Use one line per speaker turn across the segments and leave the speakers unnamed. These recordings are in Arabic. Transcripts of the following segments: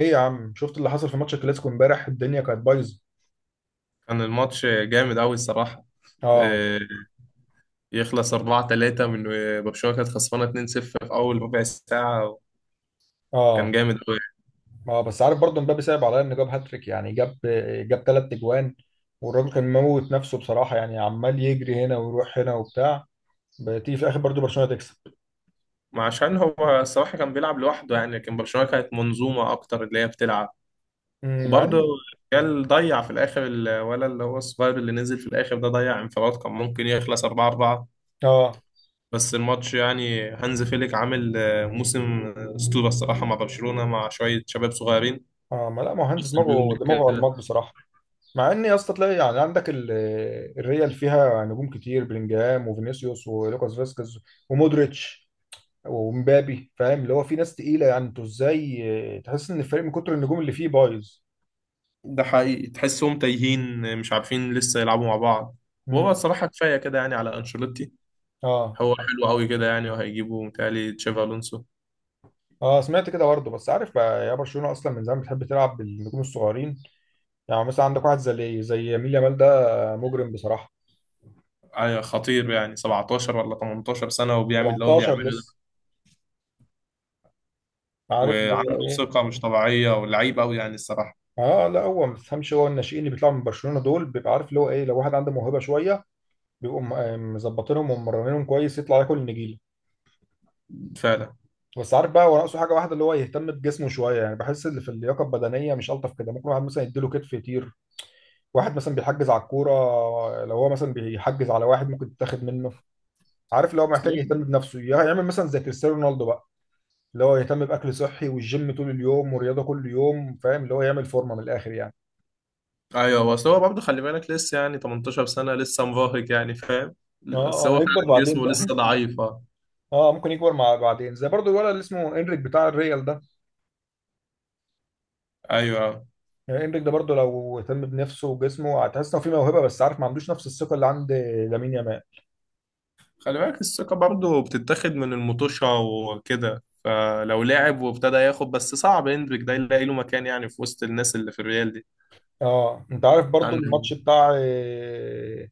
ايه يا عم، شفت اللي حصل في ماتش الكلاسيكو امبارح؟ الدنيا كانت بايظه.
كان الماتش جامد أوي الصراحة،
اه
آه، يخلص 4-3 من برشلونة كانت خسرانة 2-0 في أول ربع ساعة.
اه
كان جامد أوي.
اه، بس عارف برضه مبابي صعب عليا انه جاب هاتريك، يعني جاب ثلاث اجوان والراجل كان موت نفسه بصراحه، يعني عمال يجري هنا ويروح هنا وبتاع، بتيجي في الاخر برضه برشلونه تكسب.
ما عشان هو الصراحة كان بيلعب لوحده يعني، لكن برشلونة كانت منظومة أكتر اللي هي بتلعب.
مع
وبرضه
ان
ريال ضيع في الآخر، الولا اللي هو الصغير اللي نزل في الآخر ده ضيع انفراد كان ممكن يخلص 4-4.
اه
بس الماتش يعني هانز فيليك عامل موسم أسطورة الصراحة مع برشلونة مع شوية شباب صغيرين.
اه ما لا، ما هو هانز
وصل بيهم.
دماغه الماط بصراحه. مع ان يا اسطى تلاقي يعني عندك الريال فيها نجوم كتير، بلينجهام وفينيسيوس ولوكاس فاسكيز ومودريتش ومبابي، فاهم اللي هو في ناس تقيله، يعني انتوا ازاي تحس ان الفريق من كتر النجوم اللي فيه بايظ.
ده حقيقي تحسهم تايهين مش عارفين لسه يلعبوا مع بعض. وهو
امم.
الصراحة كفاية كده يعني على أنشيلوتي.
اه،
هو حلو قوي كده يعني، وهيجيبوا متهيألي تشافي ألونسو.
اه سمعت كده برضه. بس عارف بقى يا برشلونه اصلا من زمان بتحب تلعب بالنجوم الصغيرين، يعني مثلا عندك واحد زي يمين يامال ده، مجرم بصراحه.
خطير يعني 17 ولا 18 سنة وبيعمل اللي هو
17
بيعمله ده،
لسه. عارف اللي
وعنده
هو ايه،
ثقة مش طبيعية ولعيب قوي يعني الصراحة.
اه لا هو ما تفهمش، هو الناشئين اللي بيطلعوا من برشلونه دول بيبقى عارف اللي هو ايه، لو واحد عنده موهبه شويه بيبقوا مظبطينهم وممرنينهم كويس، يطلع ياكل النجيله.
فعلا.
بس عارف بقى هو ناقصه حاجه واحده، اللي هو يهتم بجسمه شويه، يعني بحس اللي في اللياقه البدنيه مش الطف كده، ممكن واحد مثلا يديله كتف يطير، واحد مثلا بيحجز على الكوره، لو هو مثلا بيحجز على واحد ممكن تتاخد منه. عارف اللي هو
أصل
محتاج يهتم
هو-
بنفسه، يعمل مثلا زي كريستيانو رونالدو بقى، اللي هو يهتم باكل صحي والجيم طول اليوم ورياضه كل يوم، فاهم اللي هو يعمل فورمه من الاخر يعني.
أيوه بس هو برضه خلي بالك لسه يعني 18 سنة لسه مراهق يعني فاهم.
اه.
بس
اه
هو
هيكبر
فعلا
بعدين
جسمه
بقى.
لسه ضعيف.
اه ممكن يكبر مع بعدين، زي برضو الولد اللي اسمه انريك بتاع الريال ده،
أيوه.
يعني انريك ده برضو لو اهتم بنفسه وجسمه، هتحس انه في موهبه، بس عارف ما عندوش نفس الثقه اللي عند لامين يامال.
خلي بالك الثقة برضه بتتاخد من المطوشة وكده، فلو لعب وابتدى ياخد بس صعب هندريك ده يلاقي له مكان يعني في وسط الناس اللي في الريال دي.
اه انت عارف برضو
عندي
الماتش بتاع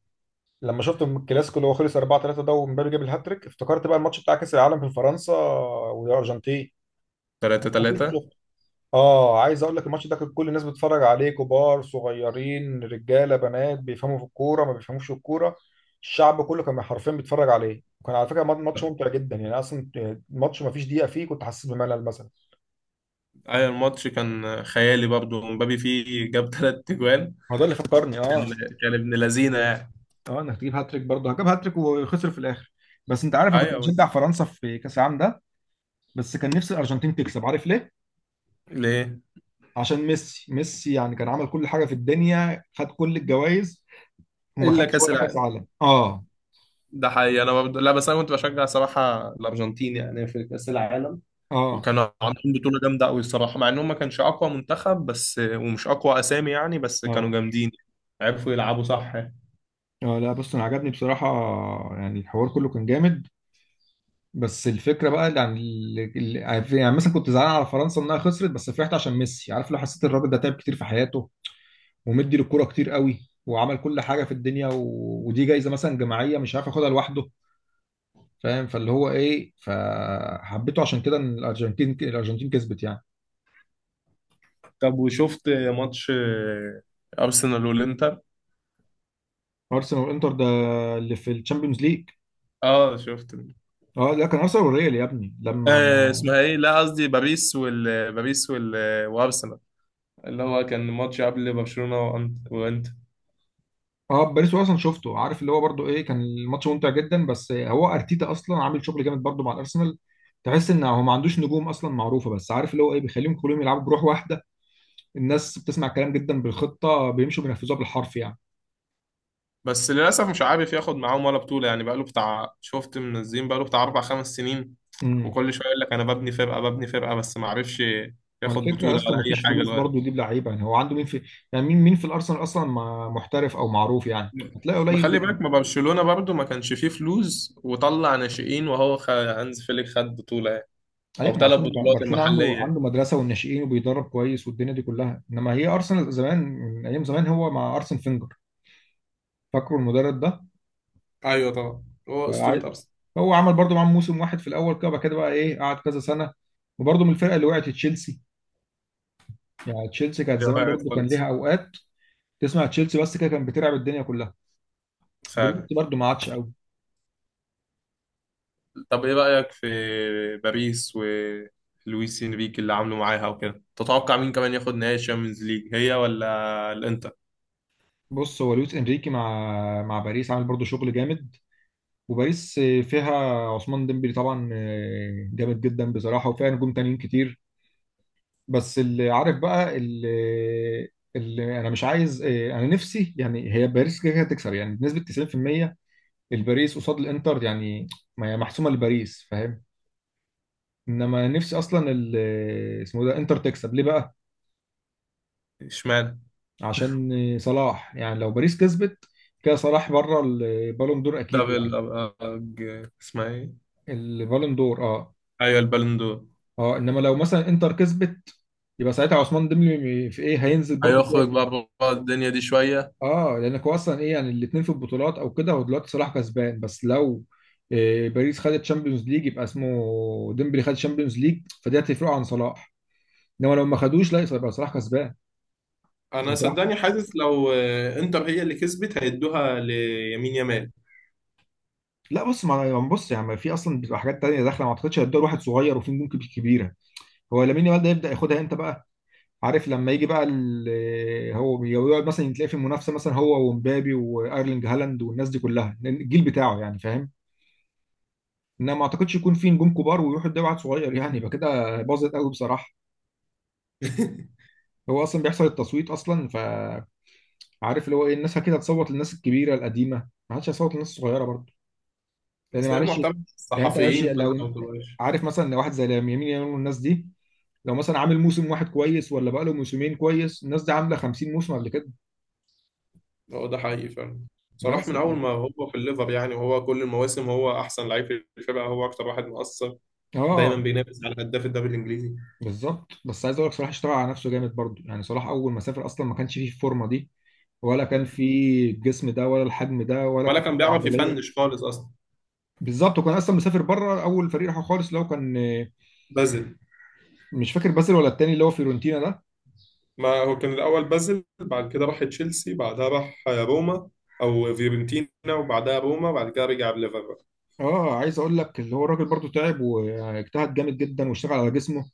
لما شفت الكلاسيكو اللي هو خلص 4-3 ده ومبابي جاب الهاتريك، افتكرت بقى الماتش بتاع كاس العالم في فرنسا والارجنتين.
3
اكيد
3
شفت. اه عايز اقول لك الماتش ده كان كل الناس بتتفرج عليه، كبار صغيرين رجاله بنات، بيفهموا في الكوره ما بيفهموش في الكوره، الشعب كله كان حرفيا بيتفرج عليه، وكان على فكره ماتش ممتع جدا يعني، اصلا الماتش ما فيش دقيقه فيه كنت حاسس بملل مثلا.
أي الماتش كان خيالي، برضه مبابي فيه جاب تلات تجوان.
هو ده اللي فكرني اه.
كان ابن لذينة يعني.
اه انك تجيب هاتريك برضه، جاب هاتريك وخسر في الاخر. بس انت عارف انا كنت
أيوة.
بشجع فرنسا في كاس العالم ده، بس كان نفسي الارجنتين تكسب، عارف ليه؟
ليه؟
عشان ميسي. ميسي يعني كان عمل كل حاجه في الدنيا، خد كل الجوائز وما
إلا
خدش
كأس
ولا كاس
العالم.
عالم. اه.
ده حقيقي أنا برضه لا، بس أنا كنت بشجع صراحة الأرجنتين يعني في كأس العالم.
اه
وكانوا عاملين بطولة جامدة قوي الصراحة، مع انهم ما كانش اقوى منتخب بس ومش اقوى اسامي يعني، بس كانوا
اه،
جامدين. عرفوا يلعبوا صح يعني.
اه لا بص انا عجبني بصراحه، يعني الحوار كله كان جامد، بس الفكره بقى يعني يعني مثلا كنت زعلان على فرنسا انها خسرت، بس فرحت عشان ميسي. عارف لو حسيت الراجل ده تعب كتير في حياته، ومدي للكوره كتير قوي، وعمل كل حاجه في الدنيا، و... ودي جايزه مثلا جماعيه مش عارف ياخدها لوحده، فاهم فاللي هو ايه، فحبيته عشان كده ان الارجنتين كسبت يعني.
طب وشفت ماتش ارسنال والانتر؟
ارسنال والانتر ده اللي في الشامبيونز ليج.
اه شفت.
اه لا كان ارسنال والريال يا ابني لما اه
اسمها ايه، لا قصدي باريس وال، باريس وال وارسنال، اللي هو كان ماتش قبل برشلونة وانتر.
باريس اصلا شفته، عارف اللي هو برضو ايه، كان الماتش ممتع جدا، بس هو ارتيتا اصلا عامل شغل جامد برضو مع الارسنال، تحس ان هو ما عندوش نجوم اصلا معروفه، بس عارف اللي هو ايه بيخليهم كلهم يلعبوا بروح واحده، الناس بتسمع كلام جدا، بالخطه بيمشوا بينفذوها بالحرف يعني.
بس للاسف مش عارف ياخد معاهم ولا بطولة يعني، بقاله بتاع شفت منزلين، بقاله بتاع اربع خمس سنين.
امم.
وكل شوية يقول لك انا ببني فرقة ببني فرقة، بس ما عرفش
ما
ياخد
الفكره
بطولة
اصلا
ولا
ما
اي
فيش
حاجة
فلوس برضه
لغاية.
يجيب لعيبه، يعني هو عنده مين في، يعني مين في الارسنال اصلا محترف او معروف، يعني هتلاقي
ما
قليل
خلي
جدا.
بالك، ما برشلونة برضو ما كانش فيه فلوس وطلع ناشئين، وهو هانز فليك خد بطولة يعني. أو
ايوه ما
ثلاث
عشان
بطولات
برشلونه
المحلية
عنده
يعني.
مدرسه والناشئين وبيدرب كويس والدنيا دي كلها، انما هي ارسنال زمان، من ايام زمان هو مع ارسن فينجر، فاكره المدرب ده؟
ايوه طبعا. هو
فع-
اسطوره ارسنال.
هو عمل برضه معاهم موسم واحد في الاول كده، بعد كده بقى ايه قعد كذا سنه، وبرضه من الفرقه اللي وقعت تشيلسي. يعني تشيلسي كانت
هي
زمان
وقعت
برضه كان
خالص.
ليها اوقات، تسمع تشيلسي بس كده كان بتلعب الدنيا كلها.
فعلا.
دلوقتي برضه ما عادش قوي.
طب إيه رأيك في باريس ولويس إنريكي اللي عامله معاها وكده؟ تتوقع مين كمان ياخد نهائي الشامبيونز ليج، هي ولا الإنتر؟
بص هو لويس انريكي مع باريس عامل برضه شغل جامد، وباريس فيها عثمان ديمبلي طبعا جامد جدا بصراحه، وفيها نجوم تانيين كتير. بس اللي عارف بقى، اللي انا مش عايز انا نفسي يعني، هي باريس كده كده هتكسب يعني بنسبه 90%، الباريس قصاد الانتر يعني، ما هي محسومه لباريس، فاهم. انما نفسي اصلا اسمه ده انتر تكسب ليه بقى؟
اشمعنى؟
عشان صلاح. يعني لو باريس كسبت كده صلاح بره البالون دور اكيد يعني.
اسمها إيه؟
البالون دور اه.
أيوة البالون دور.
اه انما لو مثلا انتر كسبت، يبقى ساعتها عثمان ديمبلي في ايه، هينزل برضه
هيخرج
شويه.
بقى بره الدنيا دي شوية.
اه لانك هو اصلا ايه يعني، الاثنين في البطولات او كده، هو دلوقتي صلاح كسبان، بس لو إيه باريس خدت تشامبيونز ليج، يبقى اسمه ديمبلي خد تشامبيونز ليج فدي هتفرقه عن صلاح، انما لو ما خدوش لا يبقى صلاح كسبان. يعني
انا
صلاح
صدقني حاسس لو انتر هي اللي كسبت هيدوها ليمين يامال.
لا بص ما بص يعني في اصلا بتبقى حاجات تانية داخله، ما اعتقدش هتدور واحد صغير وفي نجوم كبيره. هو لامين يامال ده يبدا ياخدها امتى بقى؟ عارف لما يجي بقى هو يقعد مثلا، تلاقي في منافسه مثلا هو ومبابي وايرلينج هالاند والناس دي كلها الجيل بتاعه يعني، فاهم. انما ما اعتقدش يكون في نجوم كبار ويروح يدي واحد صغير، يعني يبقى كده باظت قوي بصراحه. هو اصلا بيحصل التصويت اصلا، فعارف اللي هو ايه، الناس كده هتصوت للناس الكبيره القديمه، ما حدش هيصوت للناس الصغيره برضه، لان
اصل هي
معلش.
معتمد
يعني انت معلش
الصحفيين، فانت
لو
ما بتبقاش.
عارف مثلا، لو واحد زي يمين يامال والناس دي، لو مثلا عامل موسم واحد كويس ولا بقاله موسمين كويس، الناس دي عامله 50 موسم قبل كده.
هو ده حقيقي فعلا. صلاح
بس
من
ف...
اول ما هو في الليفر يعني، وهو كل المواسم هو احسن لعيب في الفرقه، هو اكتر واحد مؤثر. دايما
اه
بينافس على هداف الدوري الانجليزي.
بالظبط. بس عايز اقول لك صلاح اشتغل على نفسه جامد برضه، يعني صلاح اول ما سافر اصلا ما كانش فيه الفورمه دي، ولا كان فيه الجسم ده، ولا الحجم ده، ولا
ولا
الكتله
كان بيعرف
العضليه.
يفنش خالص اصلا.
بالظبط، وكان اصلا مسافر بره اول فريق راحه خالص اللي هو كان،
بازل.
مش فاكر بازل ولا التاني اللي هو فيورنتينا ده.
ما هو كان الاول بازل، بعد كده راح تشيلسي، بعدها راح روما، او فيورنتينا وبعدها روما، بعد كده رجع الليفر.
اه عايز اقول لك اللي هو الراجل برضه تعب واجتهد جامد جدا واشتغل على جسمه.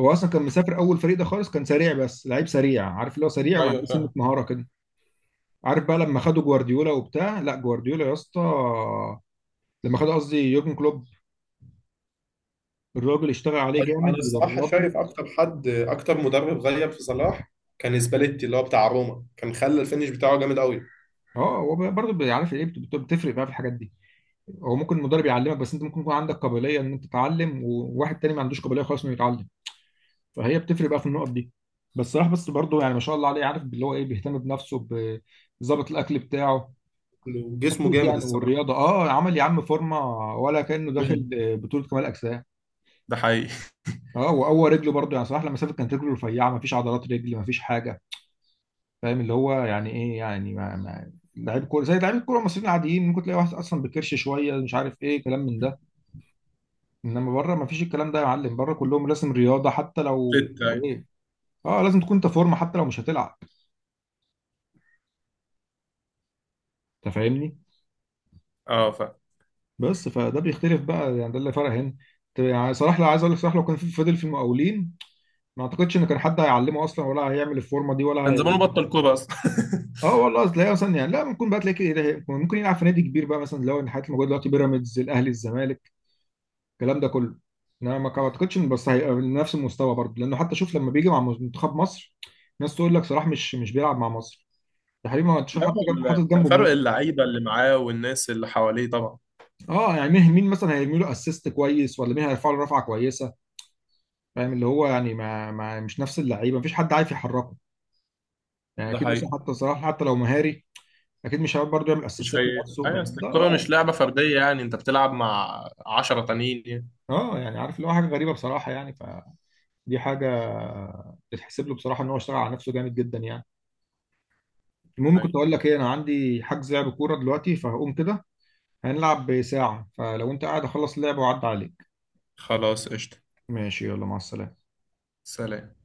هو اصلا كان مسافر اول فريق ده خالص، كان سريع بس لعيب سريع، عارف اللي هو سريع وما
ايوه
عندوش سنه
فعلا.
مهاره كده. عارف بقى لما خدوا جوارديولا وبتاع، لا جوارديولا يا اسطى، لما خد قصدي يورجن كلوب، الراجل اشتغل عليه جامد
انا الصراحه
ودربه.
شايف اكتر مدرب غير في صلاح كان سباليتي اللي هو بتاع روما، كان خلى الفينش بتاعه جامد قوي.
اه هو برضه بيعرف ايه بتفرق بقى في الحاجات دي. هو ممكن المدرب يعلمك، بس انت ممكن يكون عندك قابليه ان انت تتعلم، وواحد تاني ما عندوش قابليه خالص انه يتعلم، فهي بتفرق بقى في النقط دي. بس صراحه بس برضه يعني ما شاء الله عليه، عارف اللي هو ايه، بيهتم بنفسه بظبط الاكل بتاعه.
جسمه
اكيد
جامد
يعني،
الصراحه.
والرياضه اه، عمل يا عم فورمه ولا كانه داخل
مم.
بطوله كمال اجسام.
ده حقيقي.
اه وقوى رجله برضه يعني صراحه، لما سافر كانت رجله رفيعه، ما فيش عضلات رجل، ما فيش حاجه. فاهم اللي هو يعني ايه، يعني ما لعيب كوره زي لعيب الكوره المصريين العاديين، ممكن تلاقي واحد اصلا بكرش شويه مش عارف ايه، كلام من ده. انما بره ما فيش الكلام ده يا معلم، بره كلهم لازم رياضه حتى لو
أيوة.
ايه. اه لازم تكون انت فورمه حتى لو مش هتلعب، انت فاهمني.
اه.
بس فده بيختلف بقى يعني، ده اللي فرق هنا. طب يعني صلاح، لا عايز اقول لك صلاح لو كان فضل في المقاولين، ما اعتقدش ان كان حد هيعلمه اصلا، ولا هيعمل الفورمه دي، ولا
كان
هي...
زمانه بطل كوره اصلا.
اه والله تلاقيه مثلا يعني، لا ممكن بقى تلاقي كده ممكن يلعب في نادي كبير بقى، مثلا لو ان الحاجات الموجوده دلوقتي، بيراميدز الاهلي الزمالك الكلام ده كله. انا ما اعتقدش ان بس هيبقى من نفس المستوى برضه، لانه حتى شوف لما بيجي مع منتخب مصر، ناس تقول لك صلاح مش بيلعب مع مصر، يا حبيبي ما تشوف
لا،
حاطط جنب، حاطط جنبه
فرق
مين.
اللعيبه اللي معاه والناس اللي حواليه طبعا.
اه يعني مين مثلا هيرمي له اسيست كويس، ولا مين هيرفع له رفعه كويسه، فاهم اللي هو يعني ما مش نفس اللعيبه، مفيش حد عارف يحركه يعني.
ده
اكيد مثلا
حقيقي.
حتى صلاح حتى لو مهاري، اكيد مش هيعرف برضه يعمل
مش
اسيستات
هي
لنفسه،
هي
بس
اصل
ده
الكوره
اه.
مش لعبه فرديه يعني، انت بتلعب مع 10 تانيين يعني.
اه يعني عارف اللي هو حاجه غريبه بصراحه، يعني فدي حاجه تتحسب له بصراحه، ان هو اشتغل على نفسه جامد جدا يعني. المهم كنت
حقيقي.
اقول لك ايه، انا عندي حجز لعب كوره دلوقتي، فهقوم كده. هنلعب ساعه، فلو انت قاعد اخلص اللعب وعد عليك.
خلاص قشطه.
ماشي، يلا مع السلامه.
سلام.